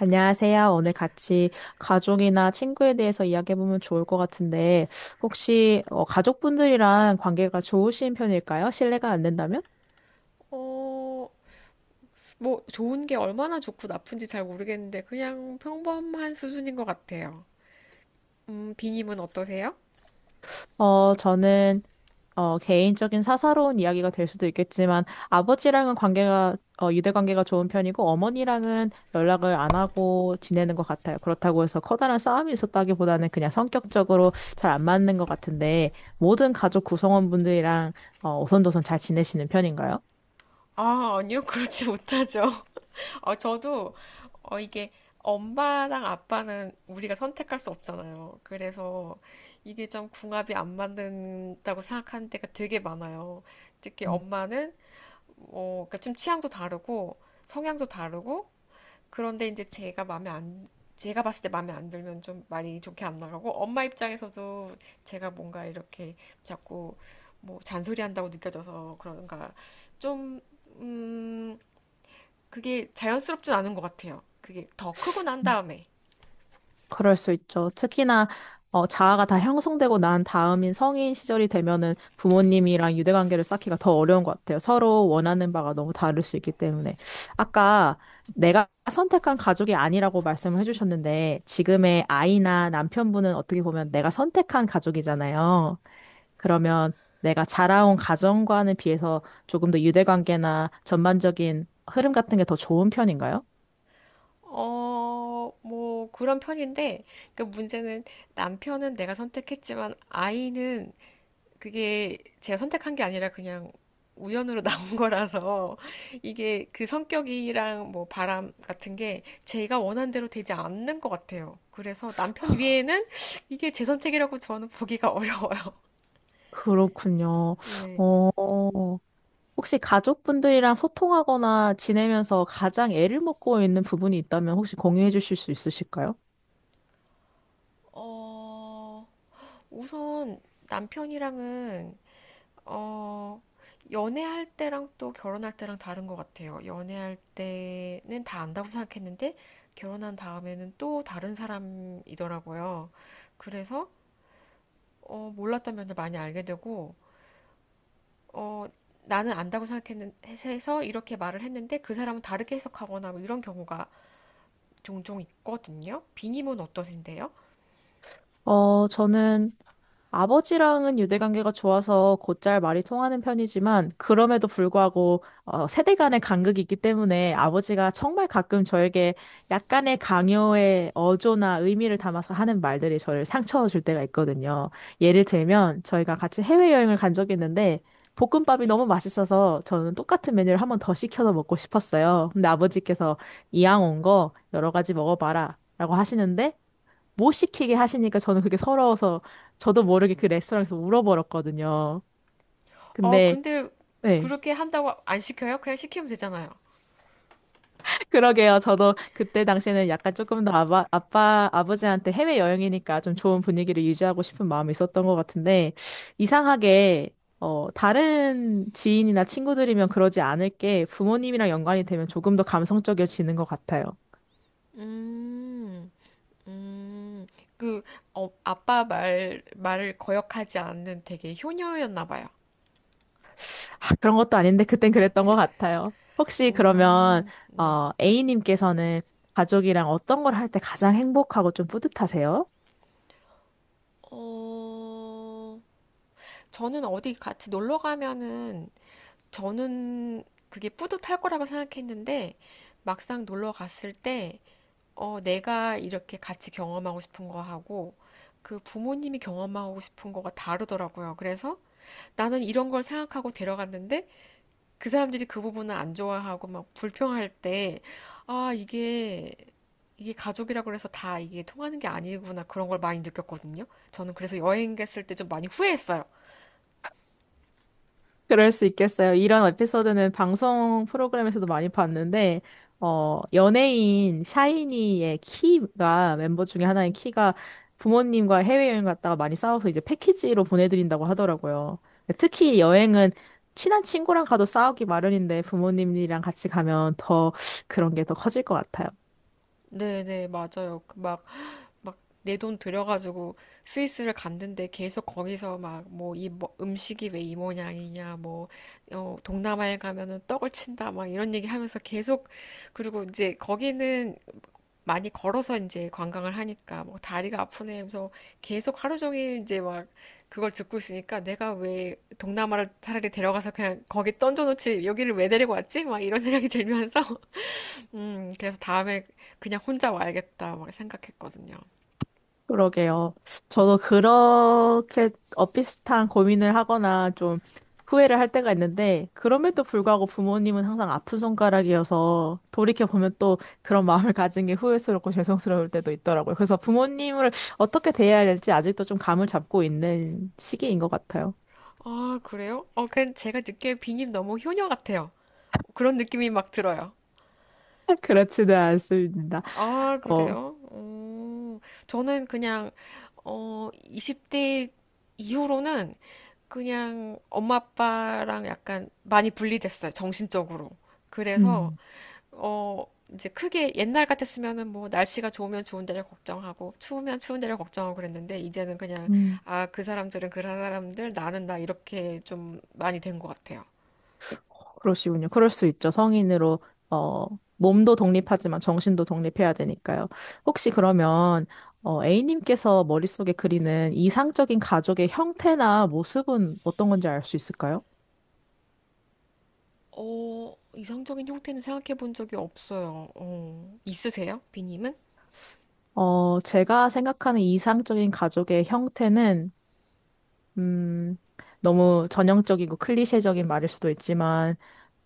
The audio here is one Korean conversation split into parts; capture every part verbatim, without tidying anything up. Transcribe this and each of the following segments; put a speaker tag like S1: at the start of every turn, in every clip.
S1: 안녕하세요. 오늘 같이 가족이나 친구에 대해서 이야기해보면 좋을 것 같은데, 혹시 어, 가족분들이랑 관계가 좋으신 편일까요? 실례가 안 된다면?
S2: 어, 뭐, 좋은 게 얼마나 좋고 나쁜지 잘 모르겠는데, 그냥 평범한 수준인 것 같아요. 음, 비님은 어떠세요?
S1: 어, 저는 어, 개인적인 사사로운 이야기가 될 수도 있겠지만, 아버지랑은 관계가, 어, 유대관계가 좋은 편이고, 어머니랑은 연락을 안 하고 지내는 것 같아요. 그렇다고 해서 커다란 싸움이 있었다기보다는 그냥 성격적으로 잘 안 맞는 것 같은데, 모든 가족 구성원분들이랑 어, 오손도손 잘 지내시는 편인가요?
S2: 아, 아니요, 그렇지 못하죠. 어, 저도, 어, 이게, 엄마랑 아빠는 우리가 선택할 수 없잖아요. 그래서 이게 좀 궁합이 안 맞는다고 생각하는 때가 되게 많아요. 특히 엄마는, 어, 그러니까 좀 취향도 다르고, 성향도 다르고, 그런데 이제 제가 마음에 안, 제가 봤을 때 마음에 안 들면 좀 말이 좋게 안 나가고, 엄마 입장에서도 제가 뭔가 이렇게 자꾸 뭐 잔소리한다고 느껴져서 그런가, 좀, 음, 그게 자연스럽진 않은 것 같아요. 그게 더 크고 난
S1: 음,
S2: 다음에.
S1: 그럴 수 있죠. 특히나 어, 자아가 다 형성되고 난 다음인 성인 시절이 되면은 부모님이랑 유대 관계를 쌓기가 더 어려운 것 같아요. 서로 원하는 바가 너무 다를 수 있기 때문에. 아까 내가 선택한 가족이 아니라고 말씀을 해주셨는데
S2: 네.
S1: 지금의 아이나 남편분은 어떻게 보면 내가 선택한 가족이잖아요. 그러면 내가 자라온 가정과는 비해서 조금 더 유대 관계나 전반적인 흐름 같은 게 더 좋은 편인가요?
S2: 어, 뭐, 그런 편인데, 그 문제는 남편은 내가 선택했지만 아이는 그게 제가 선택한 게 아니라 그냥 우연으로 나온 거라서 이게 그 성격이랑 뭐 바람 같은 게 제가 원한 대로 되지 않는 것 같아요. 그래서 남편 위에는 이게 제 선택이라고 저는 보기가 어려워요.
S1: 그렇군요.
S2: 네.
S1: 어, 혹시 가족분들이랑 소통하거나 지내면서 가장 애를 먹고 있는 부분이 있다면 혹시 공유해 주실 수 있으실까요?
S2: 어, 우선 남편이랑은 어, 연애할 때랑 또 결혼할 때랑 다른 것 같아요. 연애할 때는 다 안다고 생각했는데, 결혼한 다음에는 또 다른 사람이더라고요. 그래서, 어, 몰랐던 면을 많이 알게 되고, 어, 나는 안다고 생각해서 이렇게 말을 했는데, 그 사람은 다르게 해석하거나 뭐 이런 경우가 종종 있거든요. 비님은 어떠신데요?
S1: 어, 저는 아버지랑은 유대관계가 좋아서 곧잘 말이 통하는 편이지만 그럼에도 불구하고 어, 세대 간의 간극이 있기 때문에 아버지가 정말 가끔 저에게 약간의 강요의 어조나 의미를 담아서 하는 말들이 저를 상처 줄 때가 있거든요. 예를 들면 저희가 같이 해외여행을 간 적이 있는데 볶음밥이 너무 맛있어서 저는 똑같은 메뉴를 한 번 더 시켜서 먹고 싶었어요. 근데 아버지께서 이왕 온 거 여러 가지 먹어봐라 라고 하시는데 못 시키게 하시니까 저는 그게 서러워서 저도 모르게 그 레스토랑에서 울어버렸거든요.
S2: 어,
S1: 근데
S2: 근데
S1: 네.
S2: 그렇게 한다고 안 시켜요? 그냥 시키면 되잖아요.
S1: 그러게요. 저도 그때 당시에는 약간 조금 더 아바, 아빠, 아버지한테 해외여행이니까 좀 좋은 분위기를 유지하고 싶은 마음이 있었던 것 같은데, 이상하게, 어, 다른 지인이나 친구들이면 그러지 않을 게 부모님이랑 연관이 되면 조금 더 감성적이어지는 것 같아요.
S2: 음. 음, 그, 어, 아빠 말, 말을 거역하지 않는 되게 효녀였나 봐요.
S1: 아, 그런 것도 아닌데 그땐 그랬던 것 같아요. 혹시 그러면
S2: 음, 네.
S1: 어, A님께서는 가족이랑 어떤 걸 할 때 가장 행복하고 좀 뿌듯하세요?
S2: 어, 저는 어디 같이 놀러 가면은, 저는 그게 뿌듯할 거라고 생각했는데, 막상 놀러 갔을 때, 어, 내가 이렇게 같이 경험하고 싶은 거 하고, 그 부모님이 경험하고 싶은 거가 다르더라고요. 그래서 나는 이런 걸 생각하고 데려갔는데, 그 사람들이 그 부분을 안 좋아하고 막 불평할 때, 아, 이게, 이게 가족이라고 해서 다 이게 통하는 게 아니구나. 그런 걸 많이 느꼈거든요. 저는 그래서 여행 갔을 때 좀 많이 후회했어요.
S1: 그럴 수 있겠어요. 이런 에피소드는 방송 프로그램에서도 많이 봤는데 어, 연예인 샤이니의 키가 멤버 중에 하나인 키가 부모님과 해외여행 갔다가 많이 싸워서 이제 패키지로 보내드린다고 하더라고요. 특히 여행은 친한 친구랑 가도 싸우기 마련인데 부모님이랑 같이 가면 더 그런 게 더 커질 것 같아요.
S2: 네네, 맞아요. 그 막, 막, 내 돈 들여가지고 스위스를 갔는데 계속 거기서 막, 뭐, 이 뭐- 음식이 왜 이 모양이냐, 뭐, 어, 동남아에 가면은 떡을 친다, 막 이런 얘기 하면서 계속, 그리고 이제 거기는 많이 걸어서 이제 관광을 하니까 뭐 다리가 아프네 하면서 계속 하루 종일 이제 막 그걸 듣고 있으니까 내가 왜 동남아를 차라리 데려가서 그냥 거기 던져놓지 여기를 왜 데리고 왔지? 막 이런 생각이 들면서 음 그래서 다음에 그냥 혼자 와야겠다 막 생각했거든요.
S1: 그러게요. 저도 그렇게 어 비슷한 고민을 하거나 좀 후회를 할 때가 있는데, 그럼에도 불구하고 부모님은 항상 아픈 손가락이어서 돌이켜보면 또 그런 마음을 가진 게 후회스럽고 죄송스러울 때도 있더라고요. 그래서 부모님을 어떻게 대해야 할지 아직도 좀 감을 잡고 있는 시기인 것 같아요.
S2: 아 그래요? 어 그냥 제가 느끼기에 비님 너무 효녀 같아요. 그런 느낌이 막 들어요.
S1: 그렇지는 않습니다.
S2: 아
S1: 어,
S2: 그래요? 어, 저는 그냥 어 이십 대 이후로는 그냥 엄마 아빠랑 약간 많이 분리됐어요, 정신적으로. 그래서
S1: 음,
S2: 어 이제 크게 옛날 같았으면은 뭐 날씨가 좋으면 좋은 데를 걱정하고 추우면 추운 데를 걱정하고 그랬는데 이제는 그냥
S1: 음.
S2: 아, 그 사람들은 그 사람들, 나는 나 이렇게 좀 많이 된 것 같아요.
S1: 그러시군요. 그럴 수 있죠. 성인으로, 어, 몸도 독립하지만 정신도 독립해야 되니까요. 혹시 그러면, 어, A님께서 머릿속에 그리는 이상적인 가족의 형태나 모습은 어떤 건지 알 수 있을까요?
S2: 어, 이상적인 형태는 생각해 본 적이 없어요. 어, 있으세요? 비님은?
S1: 어, 제가 생각하는 이상적인 가족의 형태는 음, 너무 전형적이고 클리셰적인 말일 수도 있지만,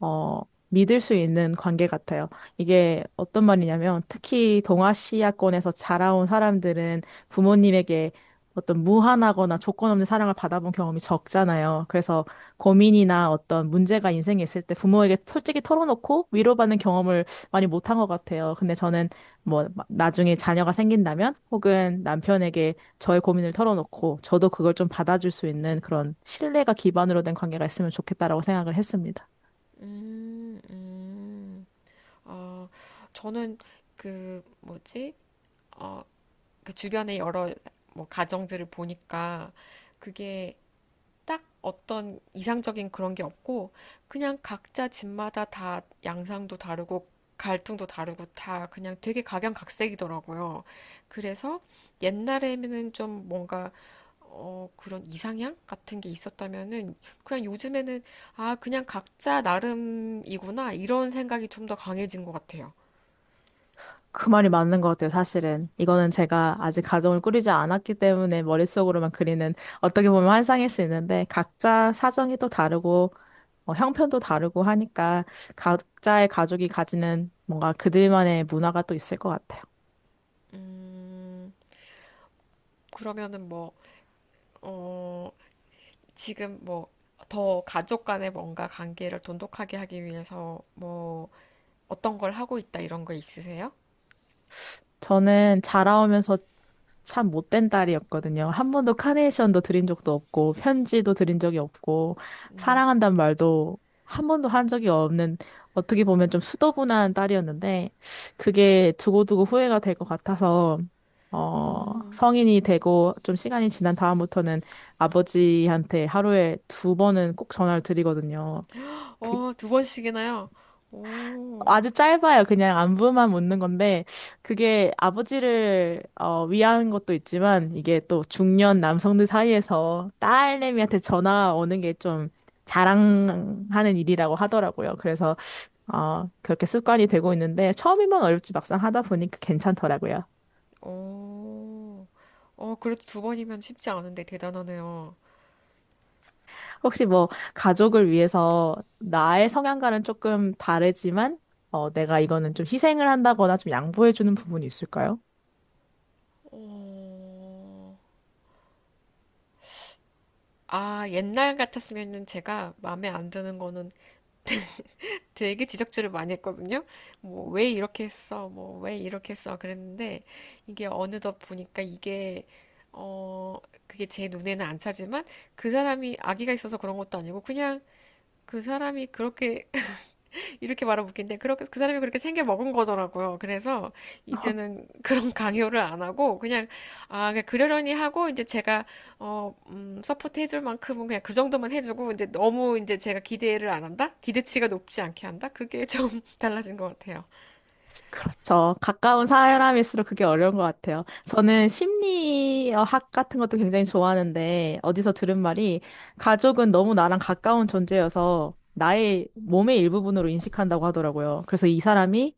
S1: 어, 믿을 수 있는 관계 같아요. 이게 어떤 말이냐면, 특히 동아시아권에서 자라온 사람들은 부모님에게 어떤 무한하거나 조건 없는 사랑을 받아본 경험이 적잖아요. 그래서 고민이나 어떤 문제가 인생에 있을 때 부모에게 솔직히 털어놓고 위로받는 경험을 많이 못한 것 같아요. 근데 저는 뭐, 나중에 자녀가 생긴다면, 혹은 남편에게 저의 고민을 털어놓고 저도 그걸 좀 받아줄 수 있는 그런 신뢰가 기반으로 된 관계가 있으면 좋겠다라고 생각을 했습니다.
S2: 음, 음. 어, 저는 그 뭐지? 어, 그 주변의 여러 뭐 가정들을 보니까 그게 딱 어떤 이상적인 그런 게 없고 그냥 각자 집마다 다 양상도 다르고 갈등도 다르고 다 그냥 되게 각양각색이더라고요. 그래서 옛날에는 좀 뭔가 어, 그런 이상향 같은 게 있었다면은 그냥 요즘에는 아, 그냥 각자 나름이구나 이런 생각이 좀 더 강해진 것 같아요.
S1: 그 말이 맞는 것 같아요, 사실은. 이거는 제가 아직 가정을 꾸리지 않았기 때문에 머릿속으로만 그리는 어떻게 보면 환상일 수 있는데 각자 사정이 또 다르고 어, 형편도 다르고 하니까 각자의 가족이 가지는 뭔가 그들만의 문화가 또 있을 것 같아요.
S2: 음, 그러면은 뭐, 어, 지금 뭐 더 가족 간의 뭔가 관계를 돈독하게 하기 위해서 뭐 어떤 걸 하고 있다 이런 거 있으세요?
S1: 저는 자라오면서 참 못된 딸이었거든요. 한 번도 카네이션도 드린 적도 없고, 편지도 드린 적이 없고,
S2: 네.
S1: 사랑한단 말도 한 번도 한 적이 없는, 어떻게 보면 좀 수더분한 딸이었는데, 그게 두고두고 후회가 될 것 같아서, 어, 성인이 되고 좀 시간이 지난 다음부터는 아버지한테 하루에 두 번은 꼭 전화를 드리거든요. 그
S2: 어, 두 번씩이나요? 오,
S1: 아주 짧아요. 그냥 안부만 묻는 건데, 그게 아버지를 어, 위한 것도 있지만, 이게 또 중년 남성들 사이에서 딸내미한테 전화 오는 게 좀 자랑하는 일이라고 하더라고요. 그래서 어, 그렇게 습관이 되고 있는데, 처음이면 어렵지 막상 하다 보니까 괜찮더라고요.
S2: 오, 어, 그래도 두 번이면 쉽지 않은데 대단하네요.
S1: 혹시 뭐 가족을 위해서 나의 성향과는 조금 다르지만 어, 내가 이거는 좀 희생을 한다거나 좀 양보해주는 부분이 있을까요?
S2: 어, 아, 옛날 같았으면은 제가 마음에 안 드는 거는 되게 지적질을 많이 했거든요. 뭐, 왜 이렇게 했어? 뭐, 왜 이렇게 했어? 그랬는데, 이게 어느덧 보니까 이게, 어, 그게 제 눈에는 안 차지만, 그 사람이 악의가 있어서 그런 것도 아니고, 그냥 그 사람이 그렇게 이렇게 말하면 웃긴데 그렇게 그 사람이 그렇게 생겨 먹은 거더라고요. 그래서 이제는 그런 강요를 안 하고 그냥 아 그냥 그러려니 하고 이제 제가 어 음, 서포트 해줄 만큼은 그냥 그 정도만 해주고 이제 너무 이제 제가 기대를 안 한다? 기대치가 높지 않게 한다? 그게 좀 달라진 것 같아요.
S1: 그렇죠. 가까운 사람일수록 그게 어려운 것 같아요. 저는 심리학 같은 것도 굉장히 좋아하는데, 어디서 들은 말이, 가족은 너무 나랑 가까운 존재여서 나의 몸의 일부분으로 인식한다고 하더라고요. 그래서 이 사람이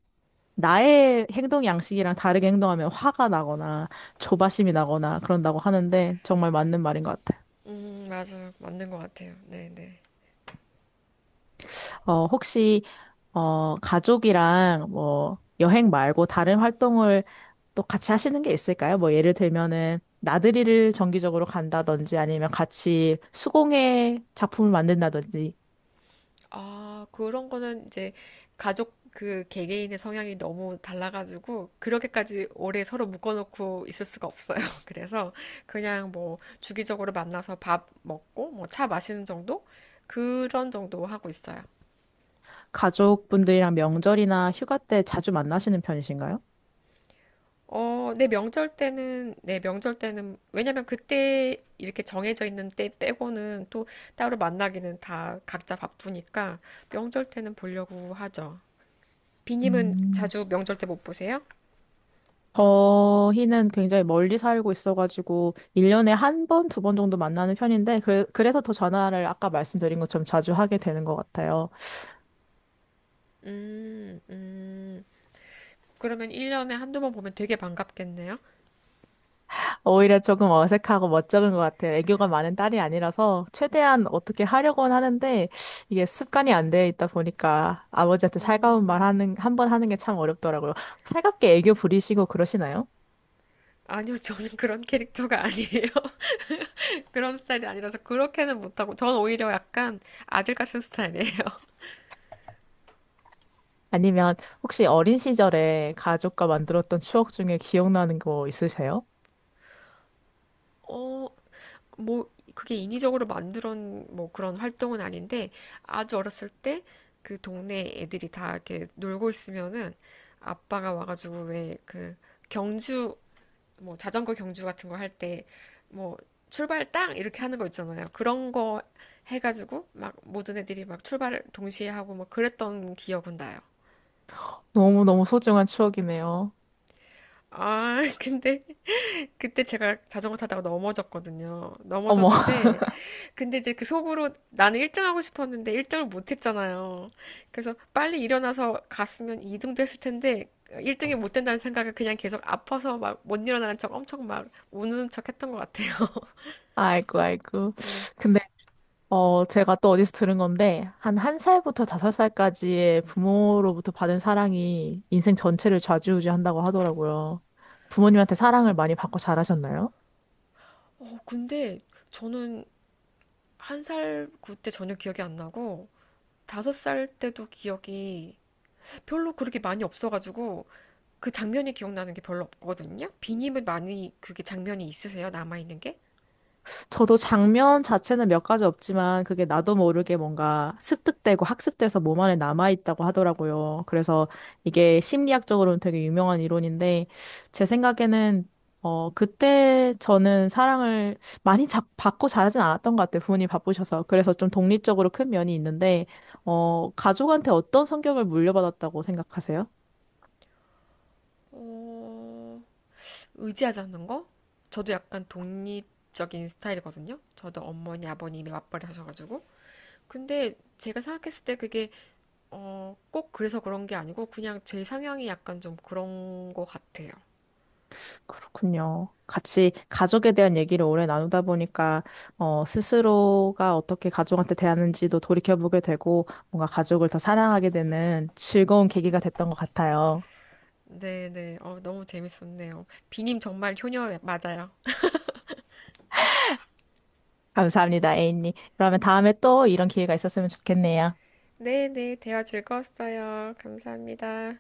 S1: 나의 행동 양식이랑 다르게 행동하면 화가 나거나 조바심이 나거나 그런다고 하는데, 정말 맞는 말인 것 같아요.
S2: 음 맞아요 맞는 것 같아요. 네네.
S1: 어, 혹시 어, 가족이랑 뭐 여행 말고 다른 활동을 또 같이 하시는 게 있을까요? 뭐 예를 들면은 나들이를 정기적으로 간다든지 아니면 같이 수공예 작품을 만든다든지
S2: 아, 그런 거는 이제 가족 그 개개인의 성향이 너무 달라가지고 그렇게까지 오래 서로 묶어놓고 있을 수가 없어요. 그래서 그냥 뭐 주기적으로 만나서 밥 먹고 뭐 차 마시는 정도? 그런 정도 하고 있어요.
S1: 가족분들이랑 명절이나 휴가 때 자주 만나시는 편이신가요?
S2: 어, 내 명절 때는, 내 명절 때는, 왜냐면 그때 이렇게 정해져 있는 때 빼고는 또 따로 만나기는 다 각자 바쁘니까 명절 때는 보려고 하죠. 비님은
S1: 음,
S2: 자주 명절 때 못 보세요?
S1: 저희는 굉장히 멀리 살고 있어가지고 일 년에 한 번, 두 번 정도 만나는 편인데 그, 그래서 더 전화를 아까 말씀드린 것처럼 자주 하게 되는 것 같아요.
S2: 음, 음. 그러면 일 년에 한두 번 보면 되게 반갑겠네요?
S1: 오히려 조금 어색하고 멋쩍은 것 같아요. 애교가 많은 딸이 아니라서 최대한 어떻게 하려고는 하는데 이게 습관이 안 돼 있다 보니까 아버지한테 살가운 말
S2: 음,
S1: 하는, 한 번 하는 게 참 어렵더라고요. 살갑게 애교 부리시고 그러시나요?
S2: 아니요, 저는 그런 캐릭터가 아니에요. 그런 스타일이 아니라서 그렇게는 못하고, 전 오히려 약간 아들 같은 스타일이에요.
S1: 아니면 혹시 어린 시절에 가족과 만들었던 추억 중에 기억나는 거 있으세요?
S2: 어, 뭐, 그게 인위적으로 만들어, 놓뭐 그런 활동은 아닌데, 아주 어렸을 때 그 동네 애들이 다 이렇게 놀고 있으면은 아빠가 와가지고 왜 그 경주 뭐 자전거 경주 같은 거 할 때 뭐 출발 땅 이렇게 하는 거 있잖아요. 그런 거 해가지고 막 모든 애들이 막 출발 동시에 하고 막 그랬던 기억은 나요.
S1: 너무너무 소중한 추억이네요.
S2: 아, 근데 그때 제가 자전거 타다가 넘어졌거든요.
S1: 어머,
S2: 넘어졌는데 근데 이제 그 속으로 나는 일 등 하고 싶었는데 일 등을 못 했잖아요. 그래서 빨리 일어나서 갔으면 이 등도 했을 텐데 일 등이 못 된다는 생각을 그냥 계속 아파서 막 못 일어나는 척 엄청 막 우는 척 했던 것 같아요.
S1: 아이고, 아이고.
S2: 네.
S1: 근데 어, 제가 또 어디서 들은 건데, 한 1살부터 다섯 살까지의 부모로부터 받은 사랑이 인생 전체를 좌지우지한다고 하더라고요. 부모님한테 사랑을 많이 받고 자라셨나요?
S2: 어, 근데 저는 한 살 그때 전혀 기억이 안 나고 다섯 살 때도 기억이 별로 그렇게 많이 없어가지고 그 장면이 기억나는 게 별로 없거든요. 비님은 많이 그게 장면이 있으세요? 남아있는 게?
S1: 저도 장면 자체는 몇 가지 없지만 그게 나도 모르게 뭔가 습득되고 학습돼서 몸 안에 남아있다고 하더라고요. 그래서 이게 심리학적으로는 되게 유명한 이론인데 제 생각에는 어, 그때 저는 사랑을 많이 자, 받고 자라진 않았던 것 같아요. 부모님 바쁘셔서. 그래서 좀 독립적으로 큰 면이 있는데, 어, 가족한테 어떤 성격을 물려받았다고 생각하세요?
S2: 어, 의지하지 않는 거? 저도 약간 독립적인 스타일이거든요. 저도 어머니, 아버님이 맞벌이 하셔가지고. 근데 제가 생각했을 때 그게 어, 꼭 그래서 그런 게 아니고 그냥 제 상향이 약간 좀 그런 거 같아요.
S1: 그렇군요. 같이 가족에 대한 얘기를 오래 나누다 보니까, 어, 스스로가 어떻게 가족한테 대하는지도 돌이켜보게 되고, 뭔가 가족을 더 사랑하게 되는 즐거운 계기가 됐던 것 같아요.
S2: 네네. 어, 너무 재밌었네요. 비님 정말 효녀 맞아요.
S1: 감사합니다, 에인님. 그러면 다음에 또 이런 기회가 있었으면 좋겠네요.
S2: 네네. 대화 즐거웠어요. 감사합니다.